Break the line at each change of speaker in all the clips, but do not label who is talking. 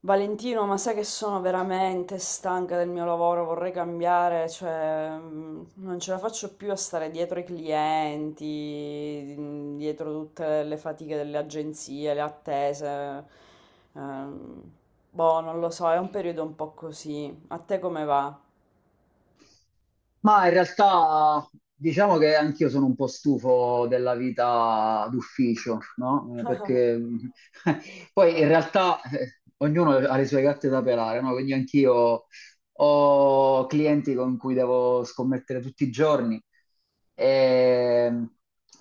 Valentino, ma sai che sono veramente stanca del mio lavoro, vorrei cambiare, cioè non ce la faccio più a stare dietro i clienti, dietro tutte le fatiche delle agenzie, le attese. Ehm, Boh, non lo so, è un periodo un po' così. A te come va?
Ma in realtà diciamo che anch'io sono un po' stufo della vita d'ufficio, no? Perché poi in realtà ognuno ha le sue gatte da pelare, no? Quindi anch'io ho clienti con cui devo scommettere tutti i giorni e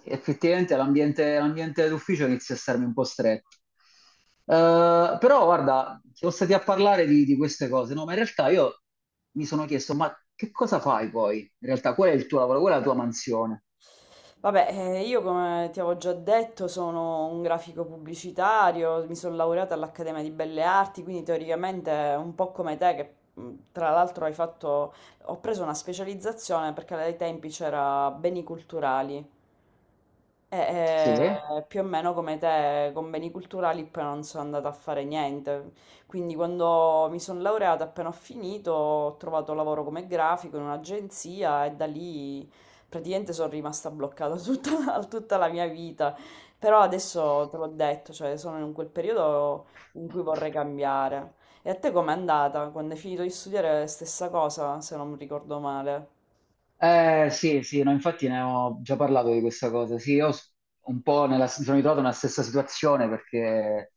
effettivamente l'ambiente d'ufficio inizia a starmi un po' stretto. Però guarda, siamo stati a parlare di queste cose, no? Ma in realtà io mi sono chiesto, ma che cosa fai poi? In realtà, qual è il tuo lavoro? Qual è la tua mansione?
Vabbè, io come ti avevo già detto sono un grafico pubblicitario, mi sono laureata all'Accademia di Belle Arti, quindi teoricamente un po' come te, che tra l'altro hai fatto, ho preso una specializzazione perché ai tempi c'era beni culturali, e,
Sì.
più o meno come te, con beni culturali poi non sono andata a fare niente. Quindi quando mi sono laureata, appena ho finito, ho trovato lavoro come grafico in un'agenzia e da lì praticamente sono rimasta bloccata tutta, tutta la mia vita. Però adesso te l'ho detto, cioè sono in quel periodo in cui vorrei cambiare. E a te com'è andata? Quando hai finito di studiare, stessa cosa, se non mi ricordo male.
Sì, sì, no, infatti ne ho già parlato di questa cosa. Sì, io s- un po' nella, mi sono ritrovato nella stessa situazione perché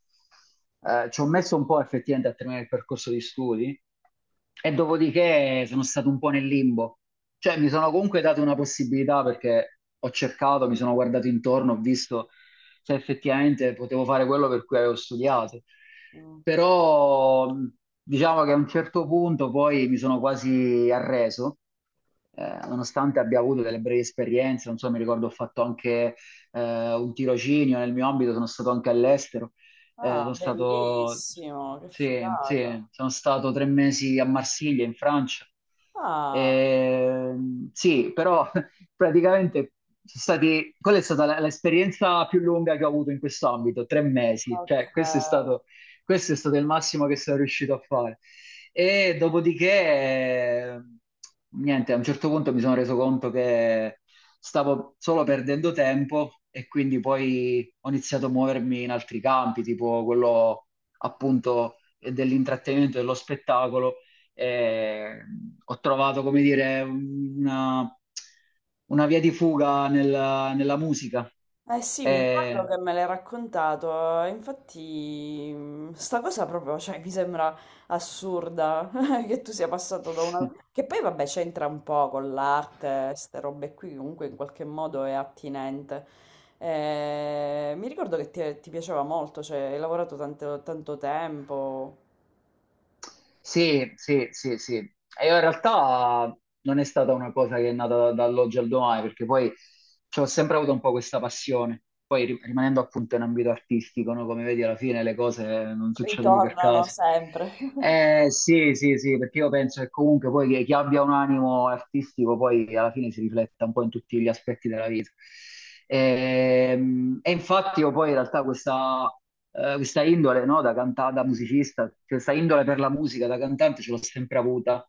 ci ho messo un po' effettivamente a terminare il percorso di studi e dopodiché sono stato un po' nel limbo. Cioè, mi sono comunque dato una possibilità perché ho cercato, mi sono guardato intorno, ho visto se effettivamente potevo fare quello per cui avevo studiato.
Mm.
Però diciamo che a un certo punto poi mi sono quasi arreso, nonostante abbia avuto delle brevi esperienze, non so, mi ricordo ho fatto anche un tirocinio nel mio ambito, sono stato anche all'estero, eh,
Ah,
sono stato,
bellissimo, che
sì,
figata.
sì, sono stato 3 mesi a Marsiglia, in Francia.
Ah,
Eh, sì, però praticamente quella è stata l'esperienza più lunga che ho avuto in questo ambito, 3 mesi, cioè
ok.
questo è stato il massimo che sono riuscito a fare. E dopodiché, niente, a un certo punto mi sono reso conto che stavo solo perdendo tempo e quindi poi ho iniziato a muovermi in altri campi, tipo quello appunto dell'intrattenimento, dello spettacolo e ho trovato, come dire, una via di fuga nella musica.
Eh sì, mi ricordo
E
che me l'hai raccontato, infatti sta cosa proprio, cioè, mi sembra assurda che tu sia passato da una... Che poi vabbè c'entra un po' con l'arte, queste robe qui, comunque in qualche modo è attinente. Mi ricordo che ti piaceva molto, cioè hai lavorato tanto, tanto tempo,
Sì, sì, sì, sì. E in realtà non è stata una cosa che è nata dall'oggi al domani, perché poi ci ho sempre avuto un po' questa passione. Poi rimanendo appunto in ambito artistico, no? Come vedi, alla fine le cose non succedono per
ritornano
caso.
sempre.
Sì, sì, sì, perché io penso che comunque poi chi abbia un animo artistico poi alla fine si rifletta un po' in tutti gli aspetti della vita. E, e, infatti io poi in realtà questa indole, no, da cantata, da musicista, questa indole per la musica, da cantante ce l'ho sempre avuta.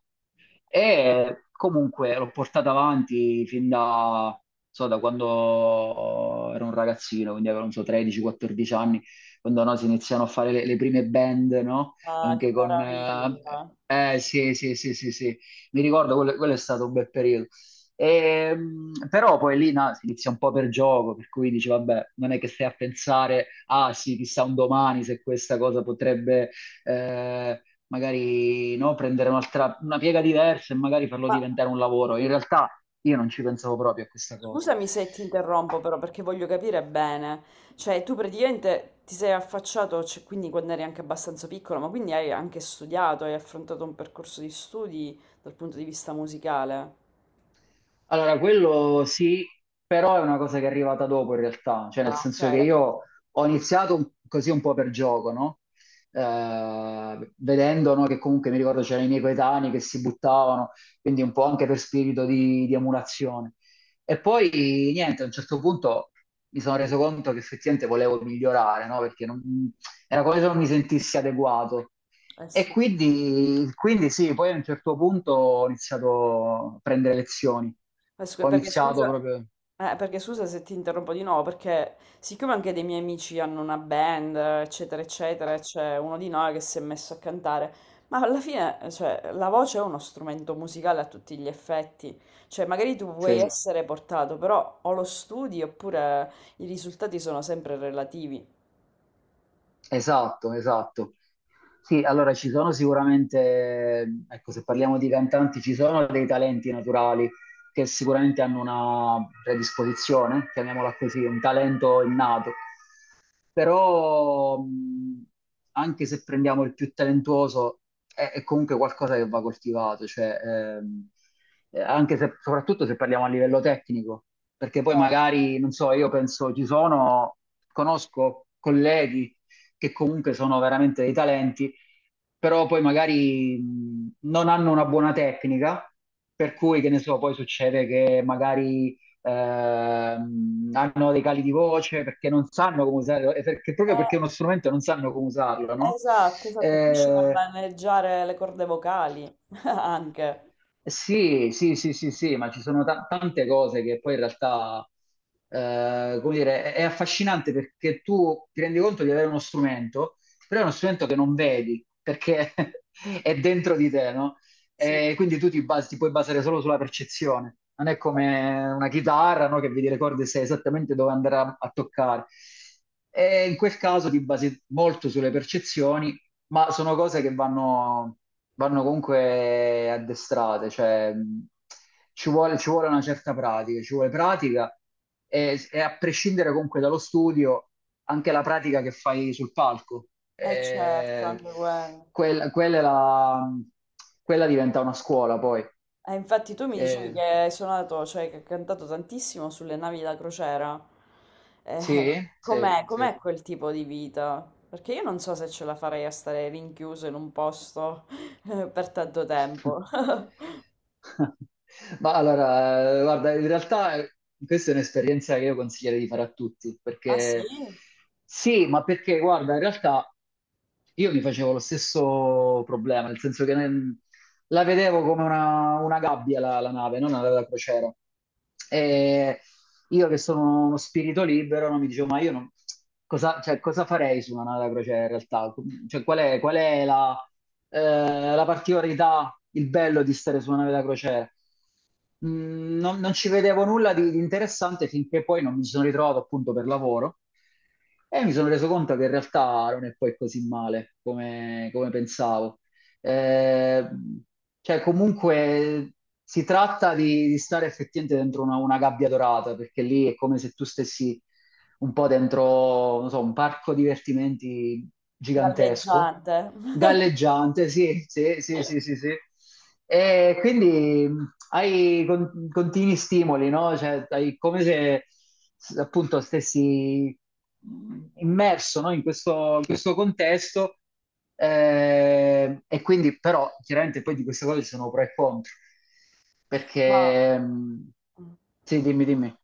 E comunque l'ho portata avanti fin da, non so, da quando ero un ragazzino, quindi avevo, non so, 13-14 anni, quando no, si iniziano a fare le prime band, no?
Ah, che
Anche con. Eh,
meraviglia!
eh, sì, sì, sì, sì, sì, mi ricordo, quello è stato un bel periodo. E, però poi lì no, si inizia un po' per gioco, per cui dici, vabbè, non è che stai a pensare, ah sì, chissà un domani se questa cosa potrebbe eh, magari no, prendere un'altra, una piega diversa e magari farlo
Ma
diventare un lavoro. In realtà io non ci pensavo proprio a questa cosa.
Scusami se ti interrompo però perché voglio capire bene, cioè tu praticamente ti sei affacciato, cioè, quindi quando eri anche abbastanza piccolo, ma quindi hai anche studiato, hai affrontato un percorso di studi dal punto di vista musicale.
Allora, quello sì, però è una cosa che è arrivata dopo in realtà, cioè nel
Ah, ok,
senso che
l'hai fatto.
io ho iniziato così un po' per gioco, no? Vedendo, no, che comunque mi ricordo c'erano i miei coetanei che si buttavano, quindi un po' anche per spirito di emulazione. E poi niente, a un certo punto mi sono reso conto che effettivamente volevo migliorare, no? Perché era come se non mi sentissi adeguato.
Eh
E
sì.
quindi sì, poi a un certo punto ho iniziato a prendere lezioni. Ho
Perché
iniziato
scusa,
proprio.
perché scusa se ti interrompo di nuovo, perché siccome anche dei miei amici hanno una band, eccetera, eccetera, e c'è uno di noi che si è messo a cantare, ma alla fine, cioè, la voce è uno strumento musicale a tutti gli effetti, cioè magari tu puoi Certo.
Sì,
essere portato, però o lo studi oppure i risultati sono sempre relativi.
esatto, esatto. Sì, allora ci sono sicuramente, ecco, se parliamo di cantanti, ci sono dei talenti naturali che sicuramente hanno una predisposizione, chiamiamola così, un talento innato. Però anche se prendiamo il più talentuoso è comunque qualcosa che va coltivato, cioè, ehm, anche se, soprattutto se parliamo a livello tecnico, perché poi
Cioè,
magari, non so, io penso ci sono, conosco colleghi che comunque sono veramente dei talenti, però poi magari non hanno una buona tecnica, per cui, che ne so, poi succede che magari hanno dei cali di voce perché non sanno come usarlo, e perché, proprio perché è uno strumento non sanno come usarlo, no?
esatto, esatto, finisci per
Eh,
maneggiare le corde vocali, anche,
Sì sì, sì, sì, sì, ma ci sono tante cose che poi in realtà, come dire, è affascinante perché tu ti rendi conto di avere uno strumento, però è uno strumento che non vedi perché è dentro di te, no?
sì,
E quindi tu ti puoi basare solo sulla percezione. Non è come una chitarra, no? Che vedi le corde e sai esattamente dove andare a toccare. E in quel caso ti basi molto sulle percezioni ma sono cose che vanno comunque addestrate, cioè ci vuole una certa pratica, ci vuole pratica e a prescindere comunque dallo studio, anche la pratica che fai sul palco,
eh certo,
Eh,
anche quello.
quella, quella è la- quella diventa una scuola poi.
Infatti tu mi dicevi
Eh,
che hai suonato, cioè che hai cantato tantissimo sulle navi da crociera. Eh,
sì, sì, sì.
com'è quel tipo di vita? Perché io non so se ce la farei a stare rinchiuso in un posto per tanto tempo.
Ma allora, guarda, in realtà questa è un'esperienza che io consiglierei di fare a tutti,
Ah sì?
perché sì, ma perché guarda, in realtà io mi facevo lo stesso problema, nel senso che la vedevo come una gabbia la nave, non una nave da crociera. E io che sono uno spirito libero, non mi dicevo, ma io cosa, cioè, cosa farei su una nave da crociera in realtà? Cioè, qual è la particolarità, il bello di stare su una nave da crociera? Non, ci vedevo nulla di interessante finché poi non mi sono ritrovato appunto per lavoro e mi sono reso conto che in realtà non è poi così male come, come pensavo. Eh, cioè, comunque si tratta di stare effettivamente dentro una gabbia dorata, perché lì è come se tu stessi un po' dentro, non so, un parco divertimenti gigantesco,
Galleggiante.
galleggiante, sì, sì, sì, sì, sì, sì. E quindi hai continui stimoli, no? Cioè, hai come se appunto stessi immerso, no? In questo contesto e quindi però chiaramente poi di queste cose ci sono pro e contro
Ma...
perché sì, dimmi, dimmi.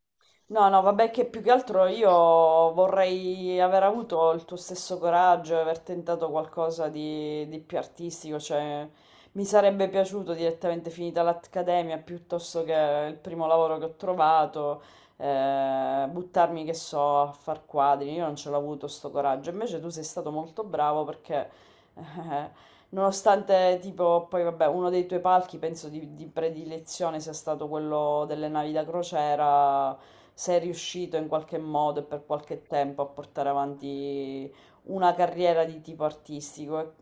No, no, vabbè che più che altro io vorrei aver avuto il tuo stesso coraggio e aver tentato qualcosa di più artistico, cioè mi sarebbe piaciuto direttamente finita l'accademia piuttosto che il primo lavoro che ho trovato, buttarmi, che so, a far quadri, io non ce l'ho avuto sto coraggio, invece tu sei stato molto bravo perché nonostante, tipo, poi vabbè, uno dei tuoi palchi penso di predilezione sia stato quello delle navi da crociera, sei riuscito in qualche modo e per qualche tempo a portare avanti una carriera di tipo artistico. E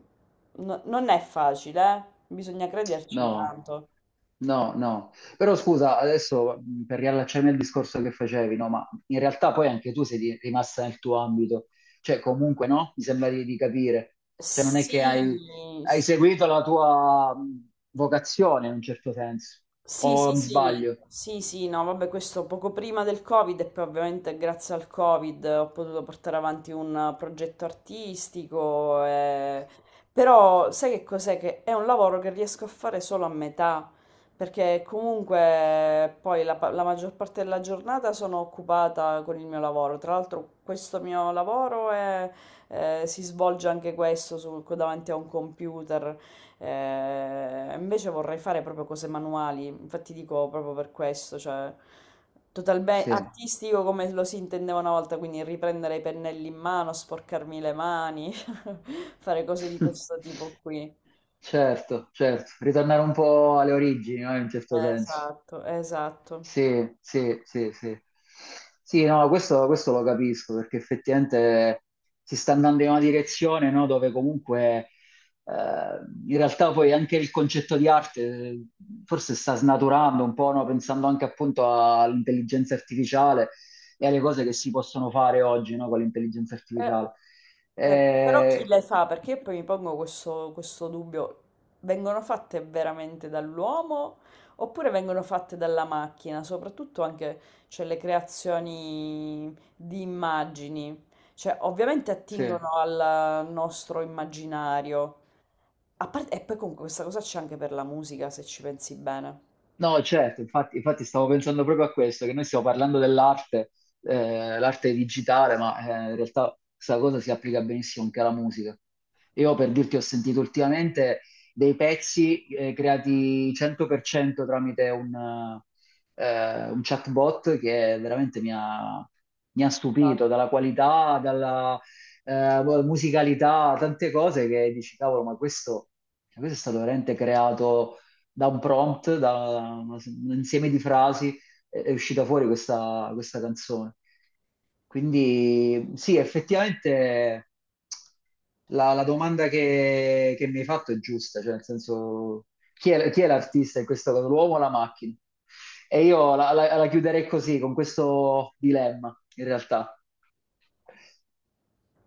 non è facile, eh? Bisogna crederci
No,
tanto.
no, no. Però scusa, adesso per riallacciarmi al discorso che facevi, no, ma in realtà poi anche tu sei rimasta nel tuo ambito, cioè comunque no, mi sembra di capire, cioè non è
Sì,
che hai
sì.
seguito la tua vocazione in un certo senso,
Sì,
o
sì,
mi
sì,
sbaglio?
sì, sì, no, vabbè, questo poco prima del Covid e poi ovviamente grazie al Covid ho potuto portare avanti un progetto artistico, però sai che cos'è? Che è un lavoro che riesco a fare solo a metà, perché comunque poi la maggior parte della giornata sono occupata con il mio lavoro, tra l'altro questo mio lavoro è- si svolge anche questo davanti a un computer. Invece vorrei fare proprio cose manuali, infatti dico proprio per questo, cioè totalmente
Sì.
artistico come lo si intendeva una volta, quindi riprendere i pennelli in mano, sporcarmi le mani, fare cose di questo tipo qui.
Certo, certo, ritornare un po' alle origini, no, in un certo senso.
Esatto, esatto.
Sì, sì, sì, sì. Sì, no, questo lo capisco perché effettivamente si sta andando in una direzione, no, dove comunque eh, in realtà poi anche il concetto di arte eh, forse sta snaturando un po', no, pensando anche appunto all'intelligenza artificiale e alle cose che si possono fare oggi, no, con l'intelligenza
Eh,
artificiale.
però chi
Eh,
le fa? Perché io poi mi pongo questo dubbio. Vengono fatte veramente dall'uomo oppure vengono fatte dalla macchina? Soprattutto anche, cioè, le creazioni di immagini. Cioè, ovviamente
sì.
attingono al nostro immaginario. A parte- e poi comunque questa cosa c'è anche per la musica, se ci pensi bene.
No, certo, infatti stavo pensando proprio a questo, che noi stiamo parlando dell'arte, l'arte digitale, ma in realtà questa cosa si applica benissimo anche alla musica. Io per dirti ho sentito ultimamente dei pezzi creati 100% tramite un chatbot che veramente mi ha stupito dalla qualità, dalla musicalità, tante cose che dici, cavolo, ma questo, cioè, questo è stato veramente creato da un prompt, da un insieme di frasi, è uscita fuori questa canzone. Quindi sì, effettivamente la domanda che mi hai fatto è giusta, cioè nel senso chi è l'artista in questo caso, l'uomo o la macchina? E io la chiuderei così, con questo dilemma, in realtà.